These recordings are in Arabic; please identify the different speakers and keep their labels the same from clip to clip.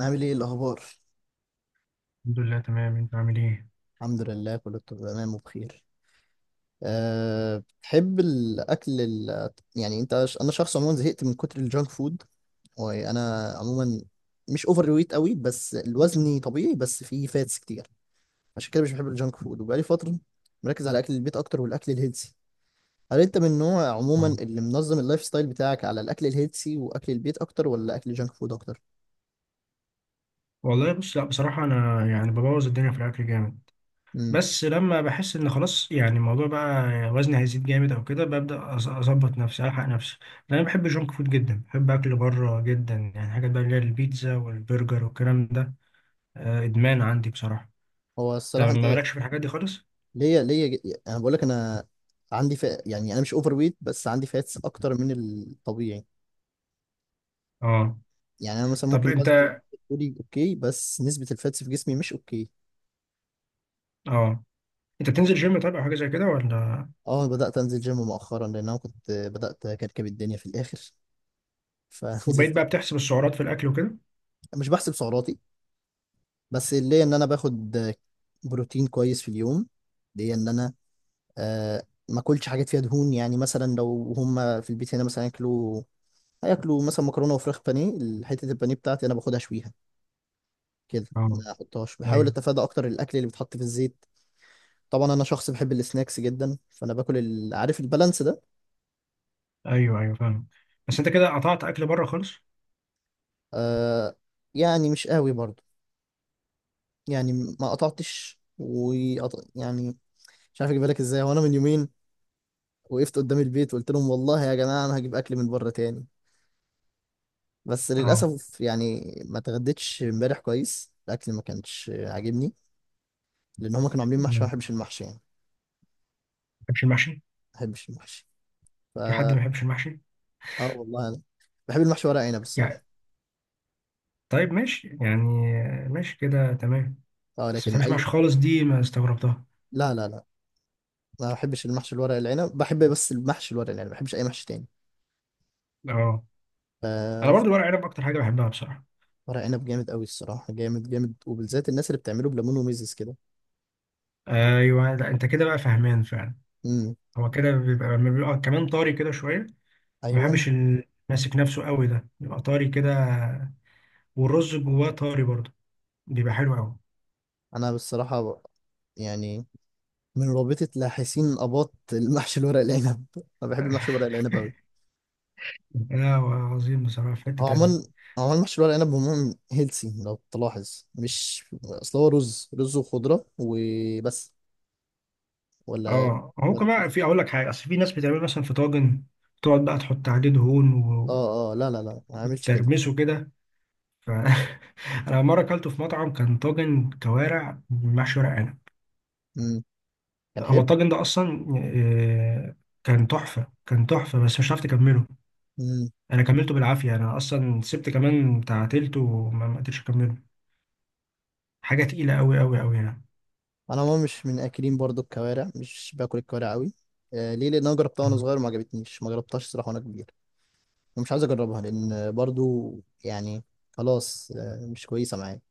Speaker 1: عامل ايه الاخبار؟
Speaker 2: الحمد لله تمام، انت عامل ايه؟
Speaker 1: الحمد لله، كله تمام وبخير. أه، بتحب الاكل يعني انا شخص عموما زهقت من كتر الجانك فود. وانا عموما مش اوفر ويت قوي، بس الوزن طبيعي، بس فيه فاتس كتير. عشان كده مش بحب الجانك فود، وبقالي فتره مركز على اكل البيت اكتر والاكل الهيلثي. هل انت من النوع عموما
Speaker 2: اه
Speaker 1: اللي منظم اللايف ستايل بتاعك على الاكل الهيلثي واكل البيت اكتر ولا اكل الجانك فود اكتر؟
Speaker 2: والله بص، لا بصراحه انا يعني ببوظ الدنيا في الاكل جامد،
Speaker 1: امم.
Speaker 2: بس لما بحس ان خلاص يعني الموضوع بقى وزني هيزيد جامد او كده ببدا اظبط نفسي، الحق نفسي. لان انا بحب الجونك فود جدا، بحب اكل بره جدا، يعني حاجات بقى اللي هي البيتزا والبرجر والكلام ده. ادمان عندي بصراحه.
Speaker 1: هو
Speaker 2: طب
Speaker 1: الصراحه
Speaker 2: ما
Speaker 1: انت
Speaker 2: مالكش في الحاجات دي خالص؟
Speaker 1: ليا ليا ج- يعني انا بقول لك. انا عندي فئة، يعني انا مش اوفر ويت بس عندي فاتس اكتر من الطبيعي.
Speaker 2: اه.
Speaker 1: يعني انا مثلا
Speaker 2: طب
Speaker 1: ممكن وزني
Speaker 2: انت،
Speaker 1: تقولي اوكي، بس نسبة الفاتس في جسمي مش اوكي.
Speaker 2: اه، انت بتنزل جيم طيب او حاجه زي كده ولا؟
Speaker 1: اه، بدأت انزل جيم مؤخرا، لان انا كنت بدأت اكركب الدنيا في الاخر.
Speaker 2: وبقيت
Speaker 1: فنزلت.
Speaker 2: بقى بتحسب السعرات في الاكل وكده؟
Speaker 1: مش بحسب سعراتي، بس ليا ان انا باخد بروتين كويس في اليوم. ليا ان انا آه ما اكلش حاجات فيها دهون. يعني مثلا لو هم في البيت هنا مثلا ياكلوا، هياكلوا مثلا مكرونه وفراخ بانيه، حته البانيه بتاعتي انا باخدها شويها كده،
Speaker 2: اه.
Speaker 1: ما احطهاش. بحاول
Speaker 2: ايوه،
Speaker 1: اتفادى اكتر الاكل اللي بيتحط في الزيت. طبعا انا شخص بحب السناكس جدا، فانا باكل عارف البالانس ده.
Speaker 2: ايوه، ايوه فاهم. بس انت كده قطعت اكل بره خالص؟
Speaker 1: آه، يعني مش قوي برضو. يعني ما قطعتش يعني مش عارف اجيبها لك ازاي. وانا من يومين وقفت قدام البيت وقلت لهم: والله يا جماعه انا هجيب اكل من بره تاني، بس
Speaker 2: اه،
Speaker 1: للاسف يعني ما اتغديتش امبارح كويس، الاكل ما كانش عاجبني. لان هم كانوا عاملين محشي، وأنا
Speaker 2: ما
Speaker 1: ما بحبش المحشي يعني.
Speaker 2: بحبش المحشي.
Speaker 1: ما بحبش المحشي. ف
Speaker 2: في حد ما
Speaker 1: اه
Speaker 2: بيحبش المحشي
Speaker 1: والله انا بحب المحشي ورق عنب الصراحه.
Speaker 2: يعني؟ طيب ماشي يعني، ماشي كده تمام.
Speaker 1: اه،
Speaker 2: بس ما
Speaker 1: لكن
Speaker 2: بتحبش
Speaker 1: اي.
Speaker 2: المحشي خالص دي ما استغربتها.
Speaker 1: لا لا لا، ما بحبش المحشي، الورق العنب بحب، بس المحشي الورق العنب ما بحبش اي محشي تاني.
Speaker 2: اه، انا
Speaker 1: ف-
Speaker 2: برضو ورق عنب اكتر حاجه بحبها بصراحه.
Speaker 1: ورق عنب جامد قوي الصراحه، جامد جامد، وبالذات الناس اللي بتعمله بليمون وميزز كده.
Speaker 2: ايوه، لا انت كده بقى فهمان فعلا.
Speaker 1: امم،
Speaker 2: هو كده بيبقى لما بيبقى كمان طري كده شويه. ما
Speaker 1: ايوه.
Speaker 2: بحبش ال- ماسك نفسه قوي ده، بيبقى طري كده، والرز جواه طري برضو، بيبقى حلو قوي.
Speaker 1: انا بالصراحه يعني من رابطه لاحسين اباط المحشي الورق العنب انا بحب المحشي الورق العنب قوي.
Speaker 2: لا عظيم بصراحه في حته
Speaker 1: هو عموما
Speaker 2: تانيه.
Speaker 1: هو عموما المحشي الورق العنب عموما هيلسي لو تلاحظ، مش اصل هو رز رز وخضره وبس. ولا
Speaker 2: اه هو
Speaker 1: ولا
Speaker 2: كمان
Speaker 1: في،
Speaker 2: في، اقول لك حاجه، اصل في ناس بتعمل مثلا في طاجن تقعد بقى تحط عليه دهون
Speaker 1: اه اه، لا لا لا، ما عملش كده.
Speaker 2: وترمسه كده. ف انا مره اكلته في مطعم، كان طاجن كوارع محشي ورق عنب.
Speaker 1: امم. كان
Speaker 2: هو
Speaker 1: حلو.
Speaker 2: الطاجن ده اصلا آه، كان تحفه، كان تحفه، بس مش عارف تكمله.
Speaker 1: مم.
Speaker 2: انا كملته بالعافيه، انا اصلا سبت كمان بتاع تلته وما ما قدرتش اكمله. حاجه تقيله قوي قوي قوي يعني.
Speaker 1: انا ما مش من اكلين برضو الكوارع، مش باكل الكوارع قوي. آه، ليه؟ لان انا جربتها وانا
Speaker 2: مم.
Speaker 1: صغير ما عجبتنيش، ما جربتهاش صراحه وانا كبير، ومش عايز اجربها لان برضو يعني خلاص، آه، مش كويسه معايا.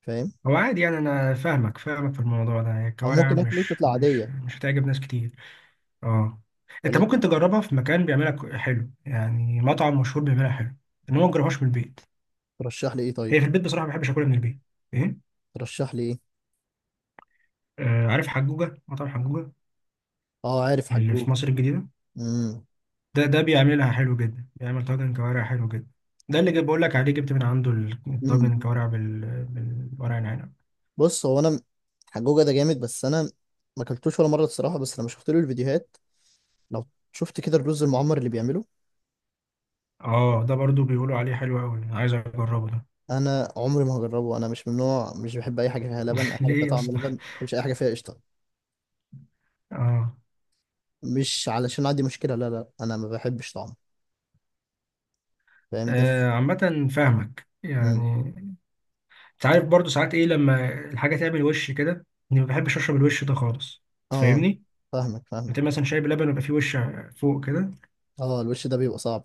Speaker 1: فاهم.
Speaker 2: هو عادي يعني، انا فاهمك فاهمك في الموضوع ده،
Speaker 1: او
Speaker 2: الكوارع
Speaker 1: ممكن اكله
Speaker 2: مش
Speaker 1: تطلع
Speaker 2: مش
Speaker 1: عاديه،
Speaker 2: مش هتعجب ناس كتير. اه، انت ممكن
Speaker 1: ولكن
Speaker 2: تجربها في مكان بيعملها حلو، يعني مطعم مشهور بيعملها حلو. انما ما تجربهاش من البيت،
Speaker 1: ترشح لي ايه طيب؟
Speaker 2: هي في البيت بصراحه ما بحبش اكلها من البيت. ايه؟
Speaker 1: ترشح لي ايه؟
Speaker 2: آه، عارف حجوجه، مطعم حجوجه
Speaker 1: اه، عارف
Speaker 2: اللي في
Speaker 1: حجوجه.
Speaker 2: مصر الجديده؟
Speaker 1: امم،
Speaker 2: ده ده بيعملها حلو جدا، بيعمل طاجن كوارع حلو جدا. ده اللي جاي بقول لك عليه، جبت من عنده
Speaker 1: امم.
Speaker 2: الطاجن الكوارع بالورق العنب.
Speaker 1: بص، هو انا حجوجه ده جامد، بس انا ما اكلتوش ولا مره الصراحه، بس لما شفت له الفيديوهات، لو شفت كده الرز المعمر اللي بيعمله،
Speaker 2: اه ده برضو بيقولوا عليه حلو قوي، عايز اجربه ده.
Speaker 1: انا عمري ما هجربه. انا مش من نوع، مش بحب اي حاجه فيها لبن، اي حاجه فيها
Speaker 2: ليه يا
Speaker 1: طعم
Speaker 2: اسطى؟
Speaker 1: لبن ما بحبش، اي حاجه فيها قشطه
Speaker 2: اه.
Speaker 1: مش علشان عندي مشكله، لا لا، انا ما بحبش طعمه. فاهم ده؟
Speaker 2: آه، عامه فاهمك
Speaker 1: مم.
Speaker 2: يعني. انت عارف برضو ساعات ايه، لما الحاجه تعمل وش كده، اني ما بحبش اشرب الوش ده خالص، أنت
Speaker 1: اه،
Speaker 2: فاهمني؟
Speaker 1: فاهمك
Speaker 2: انت
Speaker 1: فاهمك.
Speaker 2: مثلا شاي بلبن ويبقى فيه وش فوق كده.
Speaker 1: اه، الوش ده بيبقى صعب.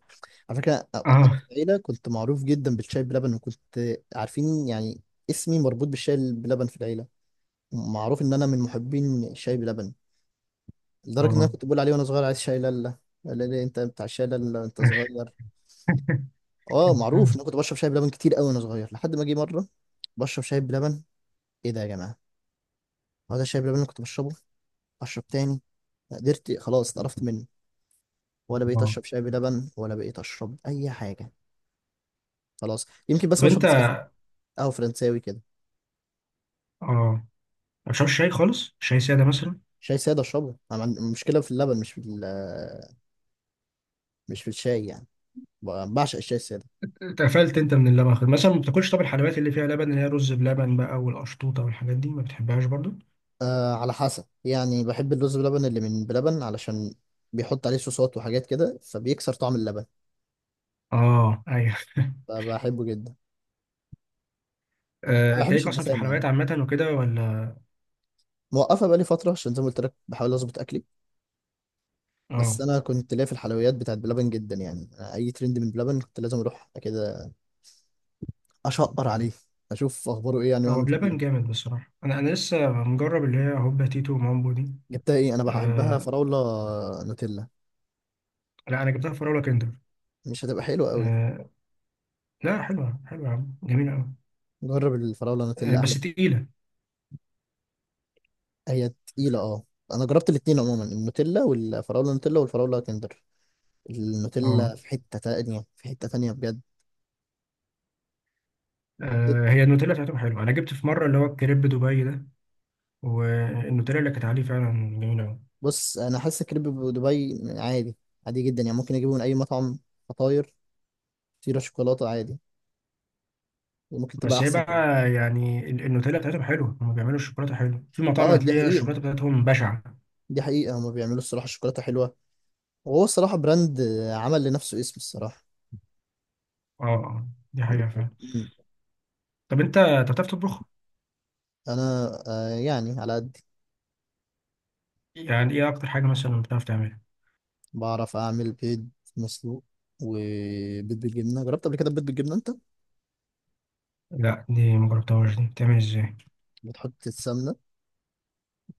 Speaker 1: على فكره، انا
Speaker 2: اه،
Speaker 1: في العيله كنت معروف جدا بالشاي بلبن، وكنت عارفين يعني. اسمي مربوط بالشاي بلبن في العيله، معروف ان انا من محبين الشاي بلبن، لدرجه ان انا
Speaker 2: اه.
Speaker 1: كنت بقول عليه وانا صغير: عايز شاي لالا. لا لا، انت بتاع الشاي لالا، انت صغير. اه، معروف ان انا كنت بشرب شاي بلبن كتير قوي وانا صغير، لحد ما جه مره بشرب شاي بلبن: ايه ده يا جماعه، هو ده الشاي بلبن اللي كنت بشربه؟ اشرب تاني، ما قدرت، خلاص، اتقرفت منه، ولا
Speaker 2: اه
Speaker 1: بقيت
Speaker 2: طب
Speaker 1: اشرب شاي بلبن، ولا بقيت اشرب اي حاجه. خلاص يمكن بس بشرب
Speaker 2: انت،
Speaker 1: نسكافيه، قهوه فرنساوي كده.
Speaker 2: اه، ما بتشربش شاي خالص، شاي ساده مثلا؟
Speaker 1: شاي ساده اشربه، انا عندي مشكله في اللبن مش في مش في الشاي يعني. بعشق الشاي الساده.
Speaker 2: اتقفلت انت من اللبن خالص. مثلا ما بتاكلش، طب الحلويات اللي فيها لبن اللي هي رز بلبن بقى والقشطوطه والحاجات دي ما بتحبهاش برضو؟
Speaker 1: آه، على حسب، يعني بحب الرز بلبن اللي من بلبن علشان بيحط عليه صوصات وحاجات كده، فبيكسر طعم اللبن،
Speaker 2: اه ايوه.
Speaker 1: فبحبه جدا.
Speaker 2: آه،
Speaker 1: ما
Speaker 2: انت
Speaker 1: بحبش
Speaker 2: ليك اصلا في
Speaker 1: الدسامه يعني،
Speaker 2: الحلويات عامه وكده ولا؟
Speaker 1: موقفه بقالي فتره عشان زي ما قلت لك بحاول اظبط اكلي.
Speaker 2: اه،
Speaker 1: بس انا كنت ليا في الحلويات بتاعت بلبن جدا يعني، أنا اي ترند من بلبن كنت لازم اروح كده اشقر عليه، اشوف اخباره ايه، يعني واعمل
Speaker 2: هو
Speaker 1: ريفيو.
Speaker 2: بلبن جامد بصراحه. انا لسه مجرب اللي هي هوبا تيتو ومامبو دي.
Speaker 1: جبتها ايه؟ انا بحبها
Speaker 2: آه،
Speaker 1: فراوله نوتيلا.
Speaker 2: لا انا جبتها في راولا كندر.
Speaker 1: مش هتبقى حلوه قوي.
Speaker 2: آه لا، حلوه حلوه يا عم، جميله قوي.
Speaker 1: جرب الفراوله
Speaker 2: آه
Speaker 1: نوتيلا احلى.
Speaker 2: بس تقيله.
Speaker 1: هي تقيله، اه. انا جربت الاتنين عموما، النوتيلا والفراوله، نوتيلا والفراوله كندر،
Speaker 2: اه.
Speaker 1: النوتيلا في حته تانية، في حته تانية بجد.
Speaker 2: آه، هي النوتيلا بتاعتهم حلوه. انا جبت في مره اللي هو الكريب دبي ده، والنوتيلا اللي كانت عليه فعلا جميله قوي.
Speaker 1: بص، انا حاسس كريب دبي عادي، عادي جدا، يعني ممكن اجيبه من اي مطعم فطاير، سيرة شوكولاتة عادي، وممكن تبقى
Speaker 2: بس هي
Speaker 1: أحسن كمان.
Speaker 2: بقى يعني النوتيلا بتاعتهم حلوه، هم بيعملوا الشوكولاته حلوه. في مطاعم
Speaker 1: اه، دي
Speaker 2: هتلاقي
Speaker 1: حقيقة،
Speaker 2: الشوكولاته بتاعتهم بشعه.
Speaker 1: دي حقيقة، هما بيعملوا الصراحة شوكولاتة حلوة، وهو الصراحة براند، آه، عمل لنفسه اسم الصراحة.
Speaker 2: اه. آه، دي حقيقه
Speaker 1: بالظبط.
Speaker 2: فعلا.
Speaker 1: مم.
Speaker 2: طب انت، أنت بتعرف تطبخ؟
Speaker 1: أنا يعني على قد.
Speaker 2: يعني ايه اكتر حاجه مثلا بتعرف تعملها؟
Speaker 1: بعرف أعمل بيض مسلوق، وبيض بالجبنة، جربت قبل كده بيض بالجبنة أنت؟
Speaker 2: لا دي ما جربتهاش، دي بتعمل ازاي؟
Speaker 1: بتحط السمنة،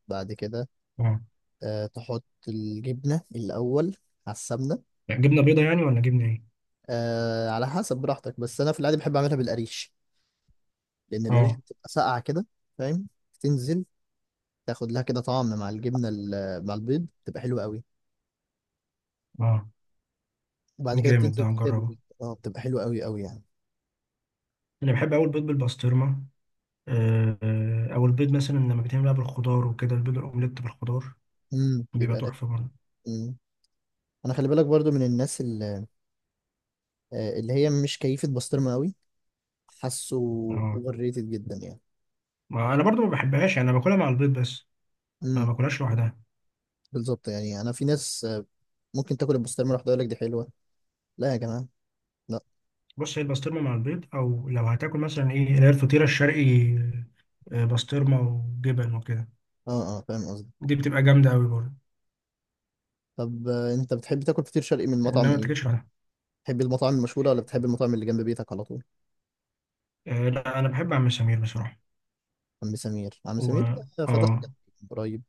Speaker 1: بعد كده
Speaker 2: اه.
Speaker 1: تحط الجبنة الأول على السمنة.
Speaker 2: يعني جبنه بيضه يعني ولا جبنه ايه؟
Speaker 1: آه، على حسب براحتك، بس أنا في العادي بحب أعملها بالقريش، لأن القريش
Speaker 2: اه،
Speaker 1: بتبقى ساقعة كده، فاهم، تنزل تاخد لها كده طعم مع الجبنه مع البيض، تبقى حلوه قوي.
Speaker 2: اه.
Speaker 1: وبعد كده
Speaker 2: جامد ده،
Speaker 1: بتنزل تحتها
Speaker 2: هنجربه.
Speaker 1: بالبيض، اه بتبقى حلوه قوي قوي يعني.
Speaker 2: انا بحب اول بيض بالبسطرمه. آه، آه، او البيض مثلا لما بيتعمل بقى بالخضار وكده، البيض الاومليت بالخضار
Speaker 1: امم،
Speaker 2: بيبقى
Speaker 1: بيبقى ده.
Speaker 2: تحفه برضه.
Speaker 1: امم. انا خلي بالك برضو من الناس اللي هي مش كيفه بسطرمه قوي، حاسه
Speaker 2: اه،
Speaker 1: اوفر ريتد جدا يعني.
Speaker 2: ما انا برضه ما بحبهاش يعني، انا باكلها مع البيض بس، ما
Speaker 1: امم.
Speaker 2: باكلهاش لوحدها.
Speaker 1: بالظبط، يعني انا في ناس، آه، ممكن تاكل البسطرمه لوحدها يقول لك دي حلوه. لا يا جماعه، لا.
Speaker 2: بص هي البسطرمه مع البيض، او لو هتاكل مثلا ايه اللي هي الفطيره الشرقي، آه، بسطرمه وجبن وكده،
Speaker 1: اه اه، فاهم قصدي.
Speaker 2: دي بتبقى جامده قوي برضه.
Speaker 1: طب انت بتحب تاكل فطير شرقي من
Speaker 2: انما
Speaker 1: مطعم
Speaker 2: ما
Speaker 1: ايه؟
Speaker 2: تاكلش لوحدها.
Speaker 1: بتحب المطاعم المشهوره ولا بتحب المطعم اللي جنب بيتك على طول؟
Speaker 2: آه، لا انا بحب عم سمير بصراحه.
Speaker 1: عم سمير، عم
Speaker 2: و
Speaker 1: سمير ده فتح
Speaker 2: اه،
Speaker 1: جنبي من قريب،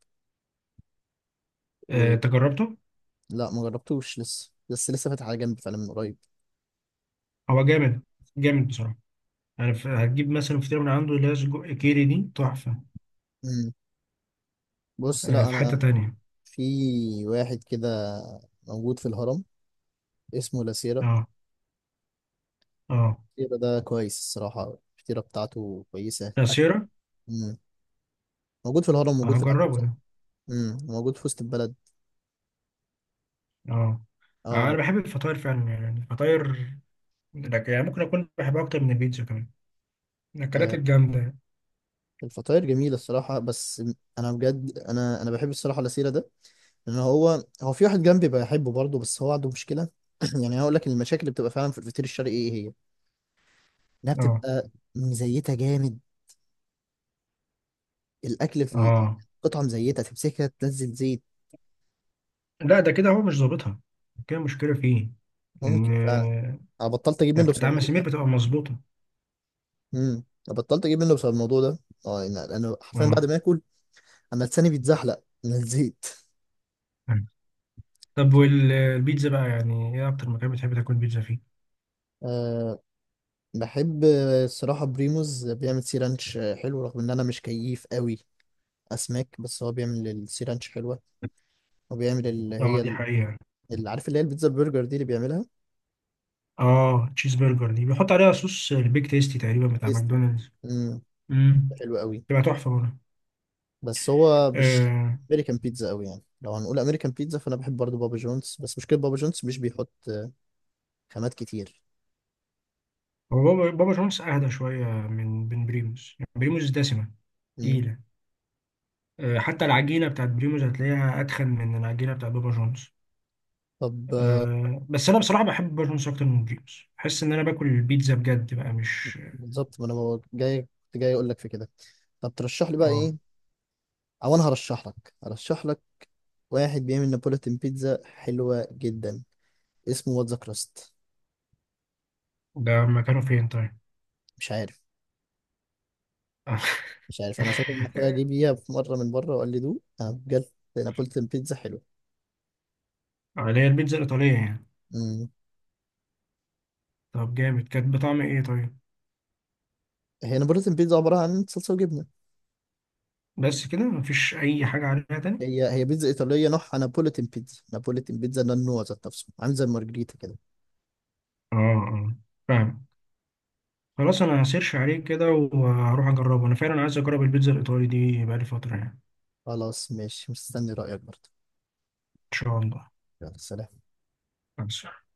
Speaker 1: و
Speaker 2: آه، تجربته؟
Speaker 1: لا، ما جربتوش لسه، بس لسه فاتح على جنب فعلا من قريب.
Speaker 2: هو جامد، جامد بصراحه يعني. هتجيب مثلا فطيره من عنده اللي هي سجق كيري، دي تحفه.
Speaker 1: مم. بص،
Speaker 2: آه،
Speaker 1: لا
Speaker 2: في حتة
Speaker 1: انا
Speaker 2: تانية.
Speaker 1: في واحد كده موجود في الهرم اسمه لاسيرا.
Speaker 2: اه، اه،
Speaker 1: لاسيرا ده كويس الصراحة، الفطيرة بتاعته كويسة
Speaker 2: عصيرة.
Speaker 1: مم. موجود في الهرم،
Speaker 2: اه
Speaker 1: موجود في
Speaker 2: هجربه
Speaker 1: العجوزة.
Speaker 2: ده.
Speaker 1: مم. موجود في وسط البلد.
Speaker 2: اه. آه، انا
Speaker 1: اه.
Speaker 2: بحب الفطاير فعلا. يعني الفطاير لك يعني، ممكن اكون بحبها اكتر من البيتزا كمان. الاكلات
Speaker 1: آه،
Speaker 2: الجامدة يعني.
Speaker 1: الفطاير جميلة الصراحة، بس أنا بجد، أنا بحب الصراحة لاسيرا ده، لأن هو في واحد جنبي بحبه برضه بس هو عنده مشكلة. يعني هقول لك المشاكل اللي بتبقى فعلا في الفطير الشرقي إيه هي؟ إنها
Speaker 2: اه،
Speaker 1: بتبقى مزيتة جامد، الاكل في
Speaker 2: اه.
Speaker 1: قطعه مزيته تمسكها تنزل زيت.
Speaker 2: لا ده كده هو مش ظابطها، كده مشكلة فيه.
Speaker 1: ممكن
Speaker 2: ان
Speaker 1: فعلا.
Speaker 2: آه،
Speaker 1: انا بطلت اجيب
Speaker 2: يعني
Speaker 1: منه
Speaker 2: بتاعت
Speaker 1: بسبب
Speaker 2: عم
Speaker 1: الموضوع
Speaker 2: سمير
Speaker 1: ده.
Speaker 2: بتبقى مظبوطة.
Speaker 1: انا بطلت اجيب منه بسبب الموضوع ده. اه، انا حرفيا بعد
Speaker 2: اه.
Speaker 1: ما اكل انا لساني بيتزحلق من الزيت.
Speaker 2: طب والبيتزا بقى يعني، ايه اكتر مكان بتحب تاكل بيتزا فيه؟
Speaker 1: أه، بحب الصراحه بريموز بيعمل سي رانش، آه، حلو رغم ان انا مش كيف قوي اسماك، بس هو بيعمل السي رانش حلوه، وبيعمل اللي
Speaker 2: اه
Speaker 1: هي
Speaker 2: دي حقيقة.
Speaker 1: اللي عارف اللي هي البيتزا البرجر دي اللي بيعملها،
Speaker 2: اه تشيز برجر دي بيحط عليها صوص البيك تيستي تقريبا بتاع
Speaker 1: تيستي،
Speaker 2: ماكدونالدز.
Speaker 1: امم
Speaker 2: امم.
Speaker 1: حلوه قوي.
Speaker 2: تبقى تحفة برضه.
Speaker 1: بس هو مش
Speaker 2: آه،
Speaker 1: امريكان بيتزا قوي يعني، لو هنقول امريكان بيتزا فانا بحب برضو بابا جونز، بس مشكله بابا جونز مش بيحط خامات كتير.
Speaker 2: هو بابا، بابا شمونس اهدى شويه من بريموس. يعني بريموس دسمه،
Speaker 1: مم.
Speaker 2: تقيله. آه، حتى العجينه بتاعت بريموس هتلاقيها اتخن من العجينه بتاعت بابا جونز.
Speaker 1: طب، آه.
Speaker 2: آه، بس انا بصراحه بحب بابا جونز اكتر من بريموس، بحس ان انا باكل البيتزا بجد بقى مش.
Speaker 1: بالظبط، ما انا جاي كنت جاي اقول لك في كده. طب ترشح لي بقى
Speaker 2: اه.
Speaker 1: ايه؟ او انا هرشح لك، هرشح لك واحد بيعمل نابولتن بيتزا حلوه جدا اسمه واتزا كراست.
Speaker 2: ده مكانه فين طيب؟
Speaker 1: مش عارف، مش عارف، انا فاكر ان اخويا جه بيها في مره من بره وقال لي دوق، أنا بجد نابولتن بيتزا حلوه.
Speaker 2: آه، اللي هي البيتزا الايطاليه يعني؟
Speaker 1: مم.
Speaker 2: طب جامد، كانت بطعم ايه طيب؟
Speaker 1: هي نابولتن بيتزا عباره عن صلصه وجبنه.
Speaker 2: بس كده مفيش اي حاجه عليها تاني؟
Speaker 1: هي بيتزا ايطاليه، نوعها نابوليتن بيتزا، نابوليتن بيتزا ده النوع ذات نفسه، عامل زي المارجريتا كده.
Speaker 2: اه اه فاهم. خلاص انا هسيرش عليه كده وهروح اجربه، انا فعلا عايز اجرب البيتزا الايطالي دي بقالي فتره يعني.
Speaker 1: خلاص ماشي، مستني رايك برضه.
Speaker 2: ان شاء الله.
Speaker 1: يلا سلام.
Speaker 2: بس.